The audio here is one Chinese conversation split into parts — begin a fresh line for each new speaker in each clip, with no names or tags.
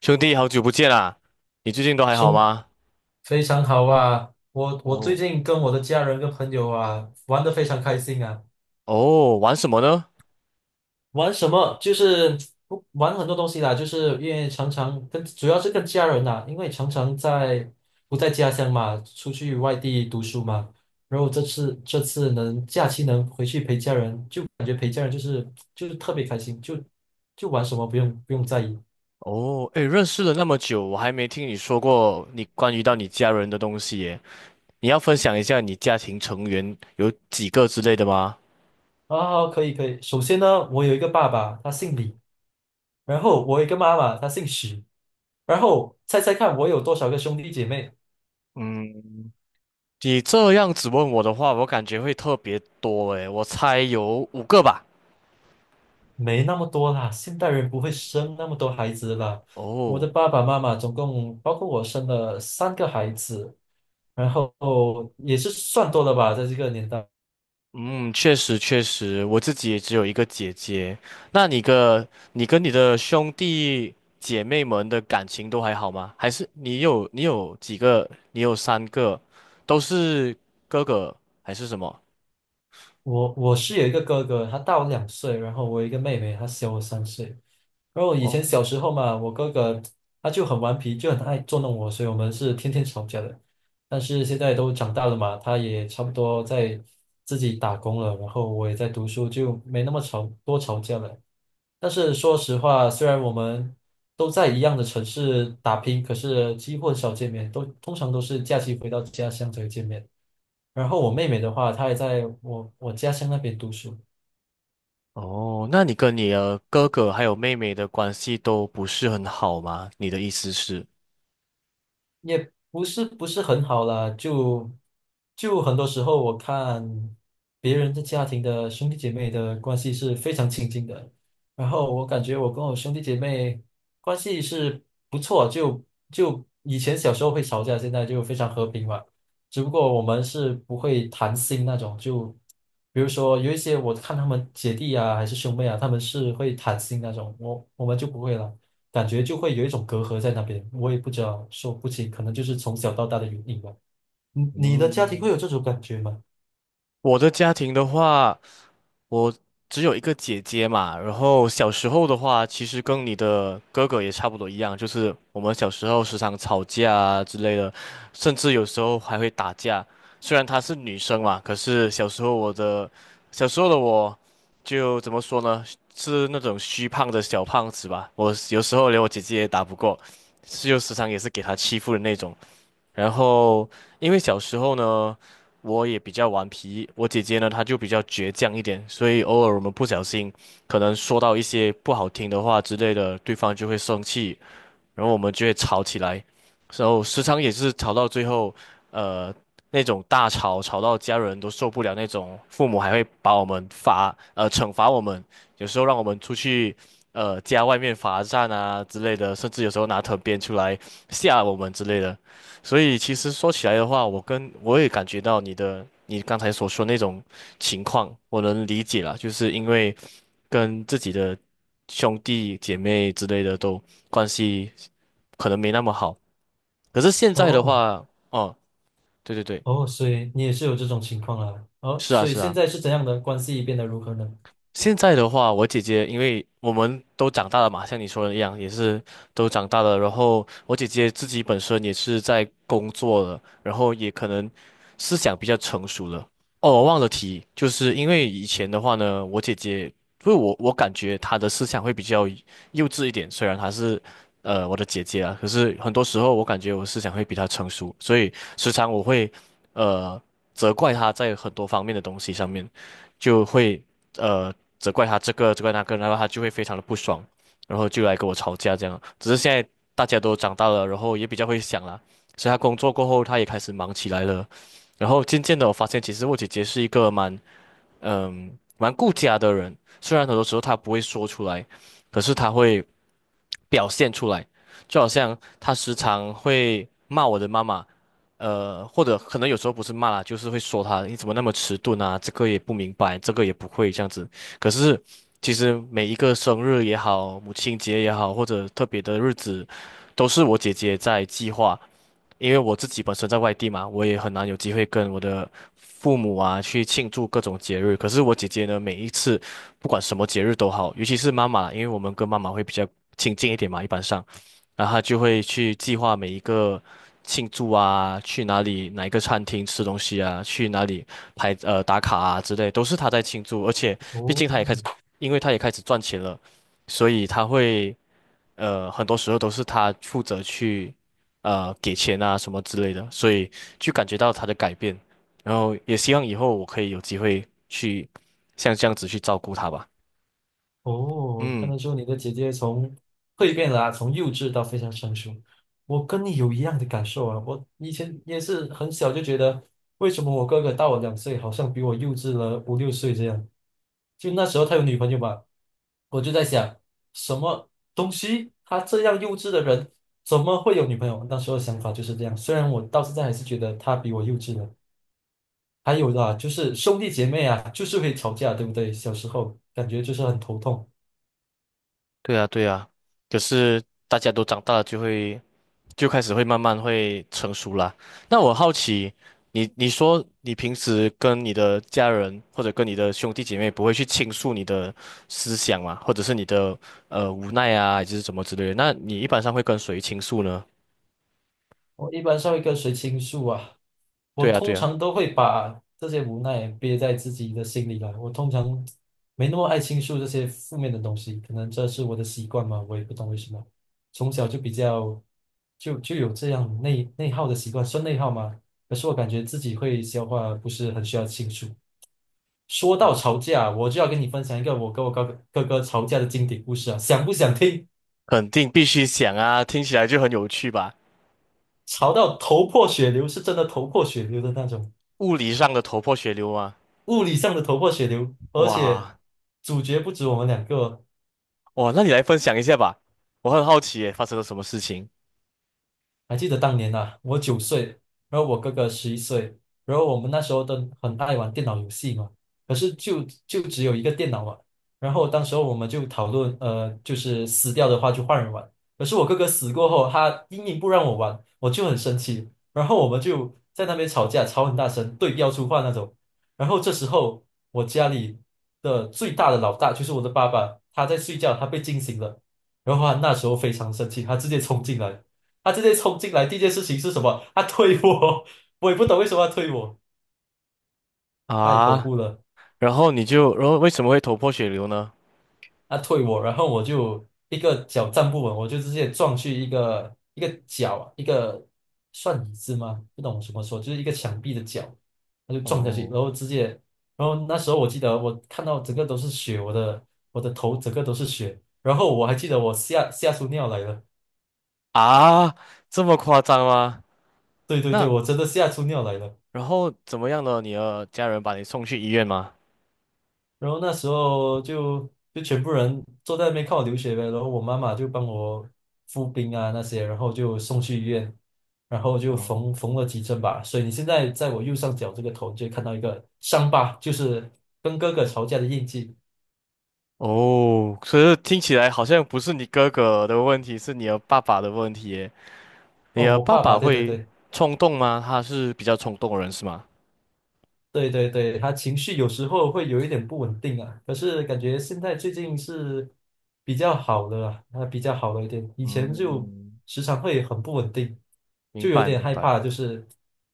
兄弟，好久不见啦！你最近都还好
兄，
吗？
非常好啊！我最
哦
近跟我的家人跟朋友啊玩的非常开心啊。
哦，玩什么呢？
玩什么？就是不玩很多东西啦，就是因为常常跟主要是跟家人呐、因为常常在不在家乡嘛，出去外地读书嘛。然后这次能假期能回去陪家人，就感觉陪家人就是特别开心，就玩什么不用在意
哦，诶，认识了那么久，我还没听你说过你关于到你家人的东西耶。你要分享一下你家庭成员有几个之类的吗？
啊。可以可以，首先呢，我有一个爸爸，他姓李，然后我有一个妈妈，她姓许。然后猜猜看，我有多少个兄弟姐妹？
嗯，你这样子问我的话，我感觉会特别多诶，我猜有五个吧。
没那么多啦，现代人不会生那么多孩子啦。我的
哦，
爸爸妈妈总共包括我生了3个孩子，然后也是算多了吧，在这个年代。
嗯，确实确实，我自己也只有一个姐姐。那你个，你跟你的兄弟姐妹们的感情都还好吗？还是你有几个？你有三个，都是哥哥还是什么？
我是有一个哥哥，他大我两岁，然后我有一个妹妹，她小我3岁。然后以前
哦
小时候嘛，我哥哥他就很顽皮，就很爱捉弄我，所以我们是天天吵架的。但是现在都长大了嘛，他也差不多在自己打工了，然后我也在读书，就没那么吵，多吵架了。但是说实话，虽然我们都在一样的城市打拼，可是几乎很少见面，都通常都是假期回到家乡才会见面。然后我妹妹的话，她也在我家乡那边读书，
哦，那你跟你的哥哥还有妹妹的关系都不是很好吗？你的意思是？
也不是很好啦，就很多时候我看别人的家庭的兄弟姐妹的关系是非常亲近的，然后我感觉我跟我兄弟姐妹关系是不错，就以前小时候会吵架，现在就非常和平嘛。只不过我们是不会谈心那种，就比如说有一些我看他们姐弟啊，还是兄妹啊，他们是会谈心那种，我们就不会了。感觉就会有一种隔阂在那边，我也不知道说不清，可能就是从小到大的原因吧。你的家庭
嗯，
会有这种感觉吗？
我的家庭的话，我只有一个姐姐嘛，然后小时候的话，其实跟你的哥哥也差不多一样，就是我们小时候时常吵架啊之类的，甚至有时候还会打架。虽然她是女生嘛，可是小时候的我，就怎么说呢，是那种虚胖的小胖子吧，我有时候连我姐姐也打不过，是就时常也是给她欺负的那种。然后，因为小时候呢，我也比较顽皮，我姐姐呢，她就比较倔强一点，所以偶尔我们不小心，可能说到一些不好听的话之类的，对方就会生气，然后我们就会吵起来，然后时常也是吵到最后，呃，那种大吵，吵到家人都受不了那种，父母还会把我们罚，惩罚我们，有时候让我们出去，家外面罚站啊之类的，甚至有时候拿藤鞭出来吓我们之类的。所以其实说起来的话，我也感觉到你刚才所说那种情况，我能理解啦，就是因为跟自己的兄弟姐妹之类的都关系可能没那么好。可是现在的
哦
话，哦，对对对，
哦，所以你也是有这种情况啊。哦，
是啊
所以
是
现
啊。
在是怎样的关系变得如何呢？
现在的话，我姐姐因为我们都长大了嘛，像你说的一样，也是都长大了。然后我姐姐自己本身也是在工作了，然后也可能思想比较成熟了。哦，我忘了提，就是因为以前的话呢，我姐姐，因为我感觉她的思想会比较幼稚一点，虽然她是我的姐姐啊，可是很多时候我感觉我思想会比她成熟，所以时常我会呃责怪她在很多方面的东西上面，就会。呃责怪他这个责怪那个，然后他就会非常的不爽，然后就来跟我吵架这样。只是现在大家都长大了，然后也比较会想啦，所以他工作过后他也开始忙起来了。然后渐渐的我发现，其实我姐姐是一个蛮蛮顾家的人，虽然很多时候她不会说出来，可是她会。表现出来，就好像他时常会骂我的妈妈，或者可能有时候不是骂啦，就是会说他你怎么那么迟钝啊，这个也不明白，这个也不会这样子。可是其实每一个生日也好，母亲节也好，或者特别的日子，都是我姐姐在计划，因为我自己本身在外地嘛，我也很难有机会跟我的父母啊去庆祝各种节日。可是我姐姐呢，每一次不管什么节日都好，尤其是妈妈，因为我们跟妈妈会比较亲近一点嘛，一般上，然后她就会去计划每一个庆祝啊，去哪里哪一个餐厅吃东西啊，去哪里拍打卡啊之类，都是她在庆祝。而且毕
哦
竟她也开始，因为她也开始赚钱了，所以她会。很多时候都是他负责去给钱啊什么之类的，所以就感觉到他的改变，然后也希望以后我可以有机会去像这样子去照顾他吧。
哦，看
嗯，
得出你的姐姐从蜕变了啊，从幼稚到非常成熟。我跟你有一样的感受啊，我以前也是很小就觉得，为什么我哥哥大我两岁，好像比我幼稚了五六岁这样。就那时候他有女朋友嘛，我就在想，什么东西？他这样幼稚的人怎么会有女朋友？那时候想法就是这样。虽然我到现在还是觉得他比我幼稚了。还有的啊，就是兄弟姐妹啊，就是会吵架，对不对？小时候感觉就是很头痛。
对啊，对啊。可是大家都长大了，就开始会慢慢会成熟啦。那我好奇，你说你平时跟你的家人或者跟你的兄弟姐妹不会去倾诉你的思想嘛，或者是你的无奈啊，还是什么之类的？那你一般上会跟谁倾诉呢？
我一般上一跟谁倾诉啊，我
对啊，对
通
啊，
常都会把这些无奈憋在自己的心里来。我通常没那么爱倾诉这些负面的东西，可能这是我的习惯嘛，我也不懂为什么。从小就比较就有这样内耗的习惯，算内耗吗？可是我感觉自己会消化，不是很需要倾诉。说到吵架，我就要跟你分享一个我跟我哥哥吵架的经典故事啊，想不想听？
肯定必须想啊，听起来就很有趣吧？
吵到头破血流，是真的头破血流的那种。
物理上的头破血流啊，
物理上的头破血流，而且
哇
主角不止我们两个，
哇，那你来分享一下吧，我很好奇耶，发生了什么事情
还记得当年呐，我9岁，然后我哥哥11岁，然后我们那时候都很爱玩电脑游戏嘛，可是就只有一个电脑嘛，然后当时候我们就讨论，就是死掉的话就换人玩，可是我哥哥死过后，他硬硬不让我玩，我就很生气，然后我们就在那边吵架，吵很大声，对标出话那种，然后这时候我家里的最大的老大就是我的爸爸，他在睡觉，他被惊醒了，然后他那时候非常生气，他直接冲进来。他直接冲进来，第一件事情是什么？他推我，我也不懂为什么要推我，太恐
啊？
怖了。
然后你就，然后为什么会头破血流呢？
他推我，然后我就一个脚站不稳，我就直接撞去一个一个角，一个算椅子吗？不懂什么说，就是一个墙壁的角，他就撞下去，
哦。
然后直接，然后那时候我记得我看到整个都是血，我的头整个都是血，然后我还记得我吓出尿来了，
啊，这么夸张吗？
对对对，
那
我真的吓出尿来了。
然后怎么样呢？你的家人把你送去医院吗？
然后那时候就全部人坐在那边看我流血呗，然后我妈妈就帮我敷冰啊那些，然后就送去医院，然后就
哦
缝了几针吧。所以你现在在我右上角这个头，你就会看到一个伤疤，就是跟哥哥吵架的印记。
哦，可是听起来好像不是你哥哥的问题，是你的爸爸的问题耶。你
哦，
的
我
爸
爸爸，
爸
对对
会
对。
冲动吗？他是比较冲动的人是吗？
对对对，他情绪有时候会有一点不稳定啊，可是感觉现在最近是比较好的啊，他比较好了一点，以前就
嗯，
时常会很不稳定，就
明
有
白
点
明
害
白。
怕。就是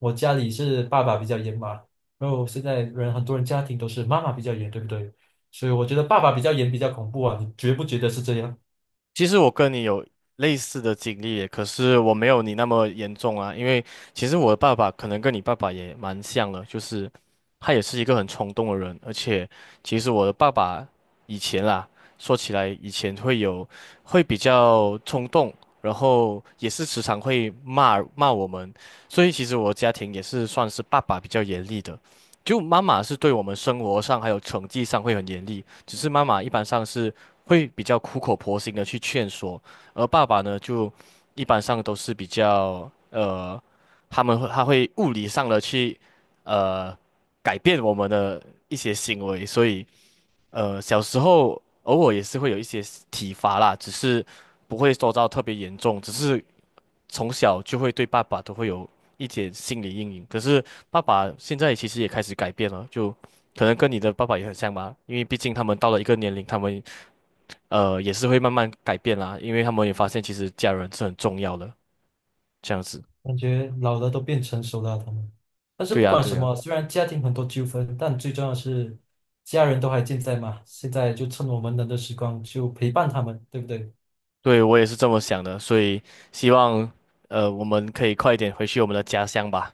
我家里是爸爸比较严嘛，然后现在人很多人家庭都是妈妈比较严，对不对？所以我觉得爸爸比较严比较恐怖啊，你觉不觉得是这样？
其实我跟你有类似的经历耶，可是我没有你那么严重啊。因为其实我的爸爸可能跟你爸爸也蛮像的，就是他也是一个很冲动的人。而且其实我的爸爸以前啦，说起来以前会有会比较冲动，然后也是时常会骂我们。所以其实我家庭也是算是爸爸比较严厉的，就妈妈是对我们生活上还有成绩上会很严厉，只是妈妈一般上是。会比较苦口婆心的去劝说，而爸爸呢，就一般上都是比较他会物理上的去呃改变我们的一些行为，所以小时候偶尔也是会有一些体罚啦，只是不会说到特别严重，只是从小就会对爸爸都会有一点心理阴影。可是爸爸现在其实也开始改变了，就可能跟你的爸爸也很像吧，因为毕竟他们到了一个年龄，他们也是会慢慢改变啦，因为他们也发现其实家人是很重要的，这样子。
感觉老了都变成熟了啊他们。但是
对
不
呀，
管
对
什
呀，
么，虽然家庭很多纠纷，但最重要的是家人都还健在嘛。现在就趁我们能的时光，就陪伴他们，对不对？
对，我也是这么想的，所以希望我们可以快一点回去我们的家乡吧。